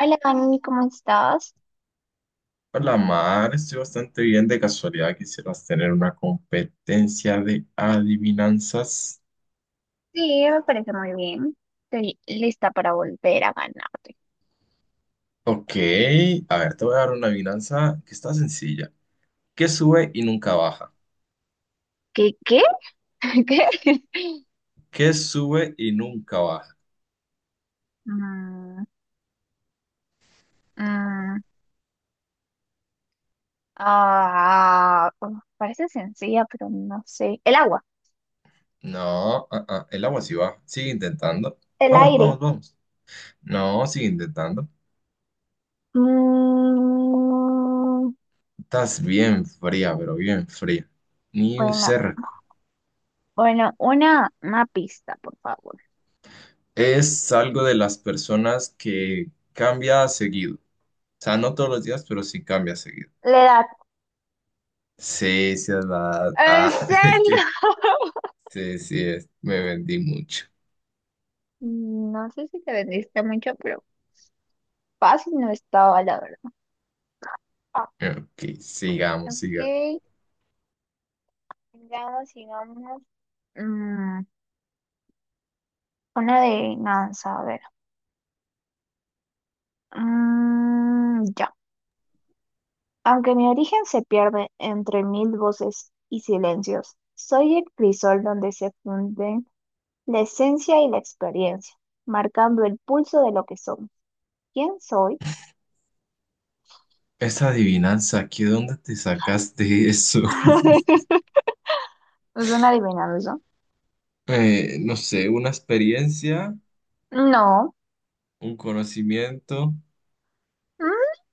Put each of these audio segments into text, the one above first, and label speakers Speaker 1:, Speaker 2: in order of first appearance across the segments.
Speaker 1: Hola, Dani, ¿cómo estás?
Speaker 2: Hola Mar, estoy bastante bien. De casualidad quisieras tener una competencia de adivinanzas.
Speaker 1: Sí, me parece muy bien. Estoy lista para volver a ganarte.
Speaker 2: Ok, a ver, te voy a dar una adivinanza que está sencilla. ¿Qué sube y nunca baja?
Speaker 1: ¿Qué? ¿Qué? ¿Qué?
Speaker 2: ¿Qué sube y nunca baja?
Speaker 1: Mm, mm, Parece sencilla, pero no sé. El agua,
Speaker 2: No, el agua sí baja. Sigue intentando.
Speaker 1: el
Speaker 2: Vamos,
Speaker 1: aire.
Speaker 2: vamos, vamos. No, sigue intentando.
Speaker 1: Mm,
Speaker 2: Estás bien fría, pero bien fría. Ni un
Speaker 1: bueno,
Speaker 2: cerca.
Speaker 1: bueno, una pista, por favor.
Speaker 2: Es algo de las personas que cambia seguido. O sea, no todos los días, pero sí cambia seguido.
Speaker 1: La edad.
Speaker 2: Sí, sí, es verdad.
Speaker 1: ¿En
Speaker 2: Ah, es
Speaker 1: serio?
Speaker 2: que sí, sí, es. Me vendí mucho.
Speaker 1: No sé si te vendiste mucho, pero fácil no estaba, la verdad. Ah,
Speaker 2: Ok, sigamos,
Speaker 1: ok.
Speaker 2: sigamos.
Speaker 1: Veamos, digamos, mm, una adivinanza a ver. Ya. Aunque mi origen se pierde entre mil voces y silencios, soy el crisol donde se funden la esencia y la experiencia, marcando el pulso de lo que somos. ¿Quién soy?
Speaker 2: Esa adivinanza, ¿aquí dónde te sacaste eso?
Speaker 1: ¿Es una adivinanza?
Speaker 2: No sé, una experiencia,
Speaker 1: No.
Speaker 2: un conocimiento,
Speaker 1: Mm,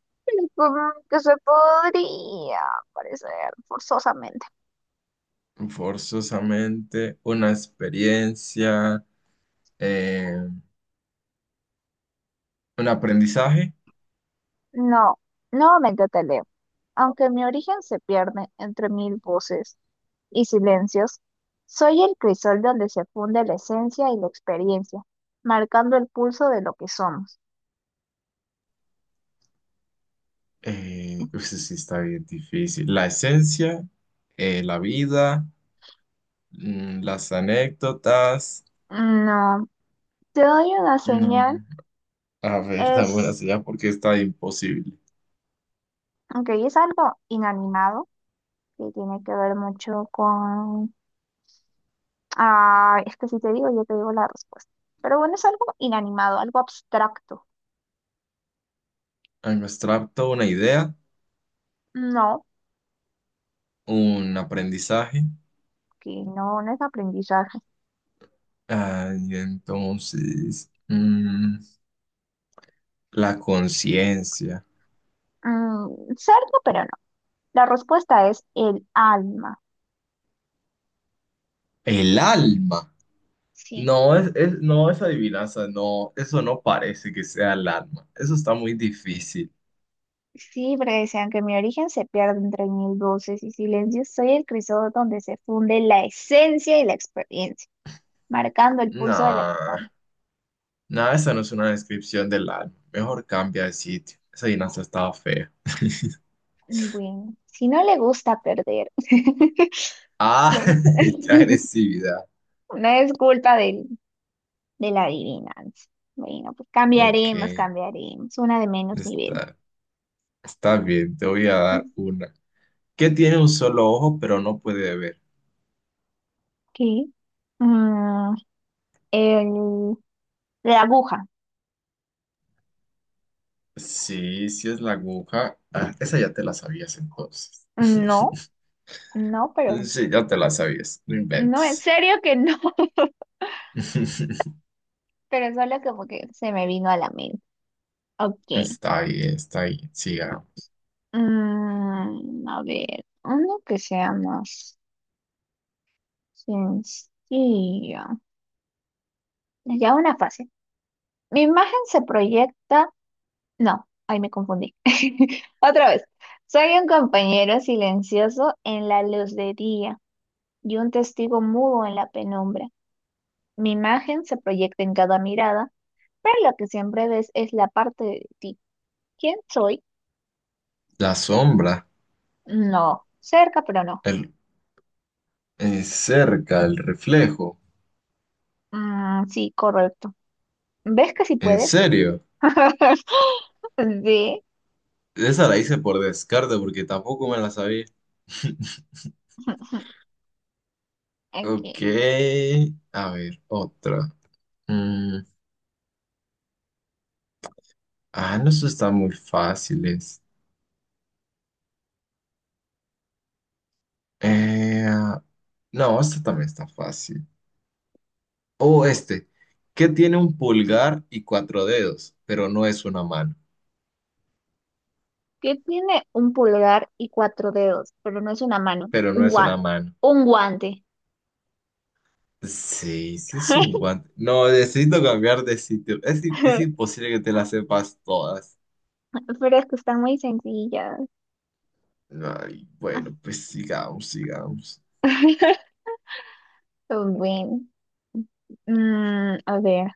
Speaker 1: Supongo que se podría parecer forzosamente.
Speaker 2: forzosamente, una experiencia, eh, un aprendizaje.
Speaker 1: No, nuevamente te leo. Aunque mi origen se pierde entre mil voces y silencios, soy el crisol donde se funde la esencia y la experiencia, marcando el pulso de lo que somos.
Speaker 2: Pues sí está bien difícil. La esencia, la vida, las anécdotas.
Speaker 1: No, te doy una
Speaker 2: No.
Speaker 1: señal,
Speaker 2: A ver, dame una
Speaker 1: es,
Speaker 2: señal porque está imposible.
Speaker 1: aunque es algo inanimado, que tiene que ver mucho con... Ah, es que si te digo, yo te digo la respuesta. Pero bueno, es algo inanimado, algo abstracto.
Speaker 2: Ay, me abstracto una idea,
Speaker 1: No,
Speaker 2: un aprendizaje.
Speaker 1: que no, no es aprendizaje.
Speaker 2: Ah, y entonces, la conciencia,
Speaker 1: Mm, cerca, pero no. La respuesta es el alma.
Speaker 2: el alma.
Speaker 1: Sí,
Speaker 2: No, no, esa adivinanza, no, eso no parece que sea el alma. Eso está muy difícil.
Speaker 1: sí, porque decían que mi origen se pierde entre mil voces y silencios. Soy el crisol donde se funde la esencia y la experiencia, marcando el pulso de la
Speaker 2: No,
Speaker 1: que somos.
Speaker 2: no, esa no es una descripción del alma. Mejor cambia de sitio. Esa adivinanza estaba fea.
Speaker 1: Bueno, si no le gusta perder,
Speaker 2: Ah,
Speaker 1: bueno,
Speaker 2: qué agresividad.
Speaker 1: no es culpa de la adivinanza. Bueno, pues
Speaker 2: Ok,
Speaker 1: cambiaremos, cambiaremos. Una de menos nivel.
Speaker 2: está. Está bien, te voy a dar una. ¿Qué tiene un solo ojo pero no puede ver?
Speaker 1: ¿Qué? Mm, el, la aguja.
Speaker 2: Sí, sí es la aguja. Ah, esa ya te la sabías entonces.
Speaker 1: No, no, pero
Speaker 2: Sí, ya te la sabías, no
Speaker 1: no, en
Speaker 2: inventes.
Speaker 1: serio que no. Pero solo como que se me vino a la mente. Ok.
Speaker 2: Está bien, está bien. Siga.
Speaker 1: A ver, uno que sea más sencillo. Ya una fase. Mi imagen se proyecta. No, ahí me confundí. Otra vez. Soy un compañero silencioso en la luz de día y un testigo mudo en la penumbra. Mi imagen se proyecta en cada mirada, pero lo que siempre ves es la parte de ti. ¿Quién soy?
Speaker 2: La sombra,
Speaker 1: No, cerca, pero no.
Speaker 2: el, cerca, el reflejo.
Speaker 1: Ah, sí, correcto. ¿Ves que sí
Speaker 2: ¿En
Speaker 1: puedes?
Speaker 2: serio?
Speaker 1: Sí.
Speaker 2: Esa la hice por descarte porque tampoco me la sabía.
Speaker 1: Aquí.
Speaker 2: Ok, a ver, otra. Mm, ah, no, eso está muy fáciles. Eh, no, esta también está fácil. O este, ¿qué tiene un pulgar y cuatro dedos? Pero no es una mano.
Speaker 1: ¿Qué tiene un pulgar y cuatro dedos? Pero no es una mano.
Speaker 2: Pero no
Speaker 1: Un
Speaker 2: es una
Speaker 1: guante.
Speaker 2: mano.
Speaker 1: Un guante.
Speaker 2: Sí, sí es un guante. No, necesito cambiar de sitio. Es imposible que te las sepas todas.
Speaker 1: Pero es que están muy sencillas.
Speaker 2: Ay, bueno, pues sigamos, sigamos.
Speaker 1: Bueno. A ver.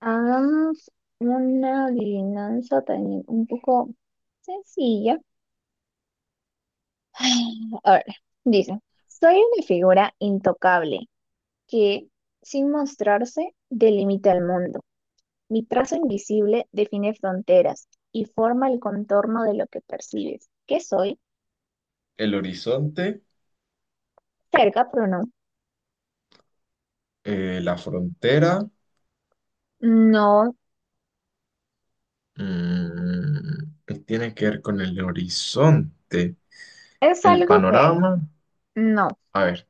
Speaker 1: Hagamos una adivinanza también un poco sencilla. A ver. Dice. Soy una figura intocable, que, sin mostrarse, delimita el mundo. Mi trazo invisible define fronteras y forma el contorno de lo que percibes. ¿Qué soy?
Speaker 2: El horizonte,
Speaker 1: Cerca, pero no.
Speaker 2: la frontera.
Speaker 1: No,
Speaker 2: ¿Qué tiene que ver con el horizonte?
Speaker 1: es
Speaker 2: El
Speaker 1: algo que
Speaker 2: panorama.
Speaker 1: no.
Speaker 2: A ver.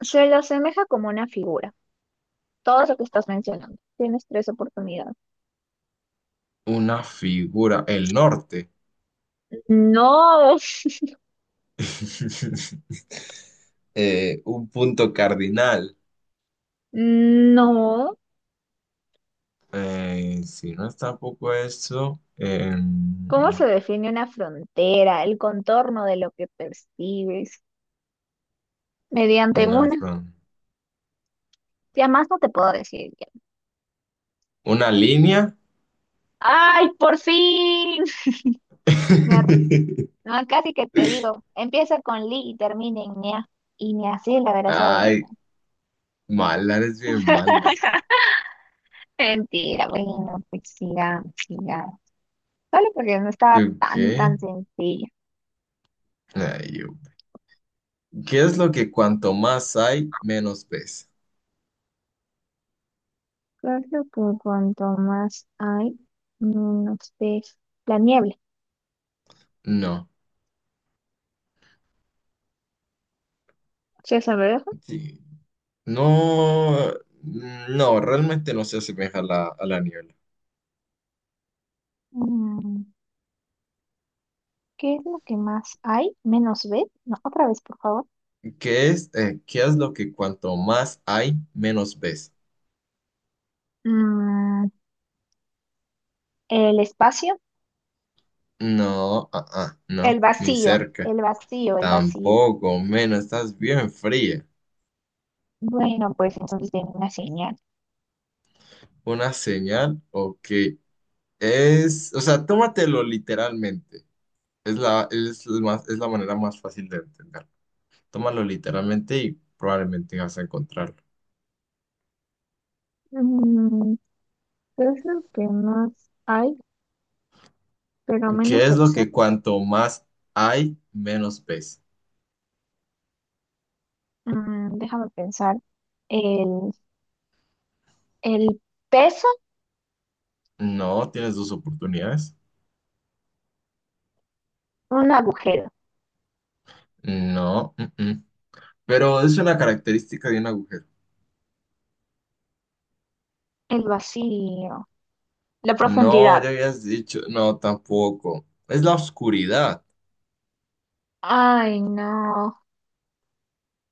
Speaker 1: Se lo asemeja como una figura. Todo lo que estás mencionando. Tienes tres oportunidades.
Speaker 2: Una figura, el norte.
Speaker 1: No,
Speaker 2: Un punto cardinal.
Speaker 1: no.
Speaker 2: Si no es tampoco eso,
Speaker 1: ¿Cómo se define una frontera, el contorno de lo que percibes? Mediante
Speaker 2: una
Speaker 1: una.
Speaker 2: fron-
Speaker 1: Ya más no te puedo decir.
Speaker 2: una línea.
Speaker 1: ¡Ay, por fin! Ya, no, casi que te digo, empieza con Li y termina en Nia. Y ni así la verás
Speaker 2: Ay,
Speaker 1: adivinar.
Speaker 2: mala, eres bien mala.
Speaker 1: Mentira, bueno, pues sigamos, sigamos. Solo porque no estaba
Speaker 2: ¿Tú
Speaker 1: tan,
Speaker 2: qué?
Speaker 1: tan sencilla.
Speaker 2: Ay, ¿qué es lo que cuanto más hay, menos ves?
Speaker 1: Creo que cuanto más hay, menos ves. La niebla.
Speaker 2: No,
Speaker 1: César, ¿me deja?
Speaker 2: sí. No, no, realmente no se asemeja a la niebla.
Speaker 1: Mm, ¿Qué es lo que más hay? Menos ves. No, otra vez, por favor.
Speaker 2: ¿Qué es lo que cuanto más hay, menos ves?
Speaker 1: Mm, el espacio.
Speaker 2: No, no,
Speaker 1: El
Speaker 2: ni
Speaker 1: vacío.
Speaker 2: cerca.
Speaker 1: El vacío, el vacío.
Speaker 2: Tampoco, menos, estás bien fría.
Speaker 1: Bueno, pues entonces tengo una señal.
Speaker 2: ¿Una señal o qué? O sea, tómatelo literalmente. Es la manera más fácil de entender. Tómalo literalmente y probablemente vas a encontrarlo.
Speaker 1: Mm, ¿Qué es lo que más hay, pero menos
Speaker 2: ¿Qué
Speaker 1: se
Speaker 2: es lo
Speaker 1: observa?
Speaker 2: que cuanto más hay, menos ves?
Speaker 1: Déjame pensar. El, el peso,
Speaker 2: No, tienes dos oportunidades.
Speaker 1: un agujero,
Speaker 2: No, Pero es una característica de un agujero.
Speaker 1: el vacío, la
Speaker 2: No,
Speaker 1: profundidad.
Speaker 2: ya habías dicho, no, tampoco. Es la oscuridad.
Speaker 1: Ay, no.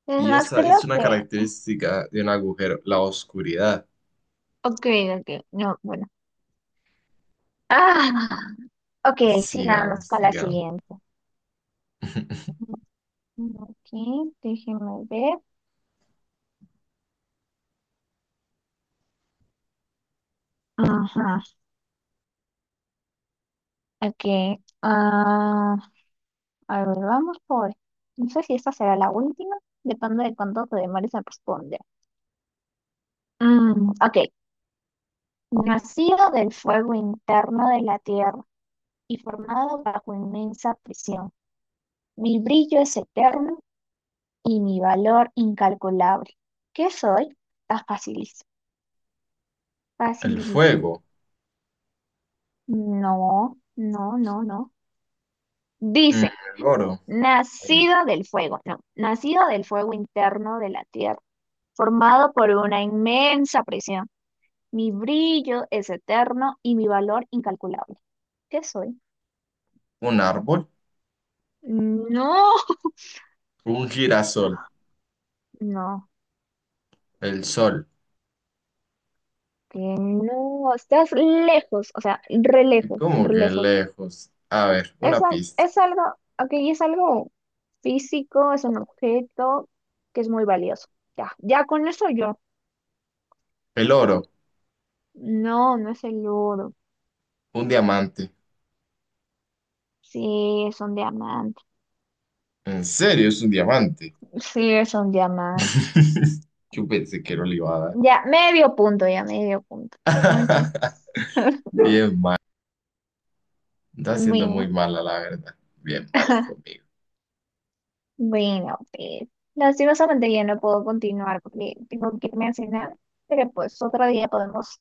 Speaker 1: Es
Speaker 2: Y
Speaker 1: más,
Speaker 2: esa
Speaker 1: creo
Speaker 2: es una
Speaker 1: que...
Speaker 2: característica de un agujero, la oscuridad.
Speaker 1: Ok, ok, no, bueno. Ah, ok, sigamos
Speaker 2: Sigamos,
Speaker 1: con la
Speaker 2: sigamos.
Speaker 1: siguiente. Ok, déjeme ver. Ajá, ok, ah, a ver, vamos por. No sé si esta será la última, depende de cuánto te demores a responder. Ok. Nacido del fuego interno de la tierra y formado bajo inmensa presión. Mi brillo es eterno y mi valor incalculable. ¿Qué soy? Está facilísimo.
Speaker 2: El
Speaker 1: Facilísimo.
Speaker 2: fuego,
Speaker 1: No, no, no, no.
Speaker 2: Mm,
Speaker 1: Dice,
Speaker 2: el oro,
Speaker 1: nacido del fuego. No, nacido del fuego interno de la tierra, formado por una inmensa presión. Mi brillo es eterno y mi valor incalculable. ¿Qué soy?
Speaker 2: un árbol,
Speaker 1: No,
Speaker 2: un girasol,
Speaker 1: no,
Speaker 2: el sol.
Speaker 1: que no, estás lejos, o sea, re lejos,
Speaker 2: ¿Cómo
Speaker 1: re
Speaker 2: que
Speaker 1: lejos.
Speaker 2: lejos? A ver,
Speaker 1: Es,
Speaker 2: una
Speaker 1: al-
Speaker 2: pista.
Speaker 1: es algo, ok, es algo físico, es un objeto que es muy valioso. Ya, ya con eso yo.
Speaker 2: El oro,
Speaker 1: No, no es el oro.
Speaker 2: un diamante.
Speaker 1: Sí, es un diamante.
Speaker 2: ¿En serio es un diamante?
Speaker 1: Sí, es un diamante.
Speaker 2: Yo pensé que no le iba a
Speaker 1: Ya, medio punto, ya, medio punto. Mucho.
Speaker 2: dar. Bien, está siendo muy
Speaker 1: Bueno.
Speaker 2: mala, la verdad. Bien mala conmigo.
Speaker 1: Bueno, pues lastimosamente ya no puedo continuar porque tengo que irme a cenar, pero pues otro día podemos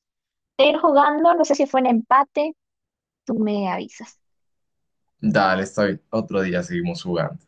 Speaker 1: ir jugando, no sé si fue un empate, tú me avisas.
Speaker 2: Dale, estoy. Otro día seguimos jugando.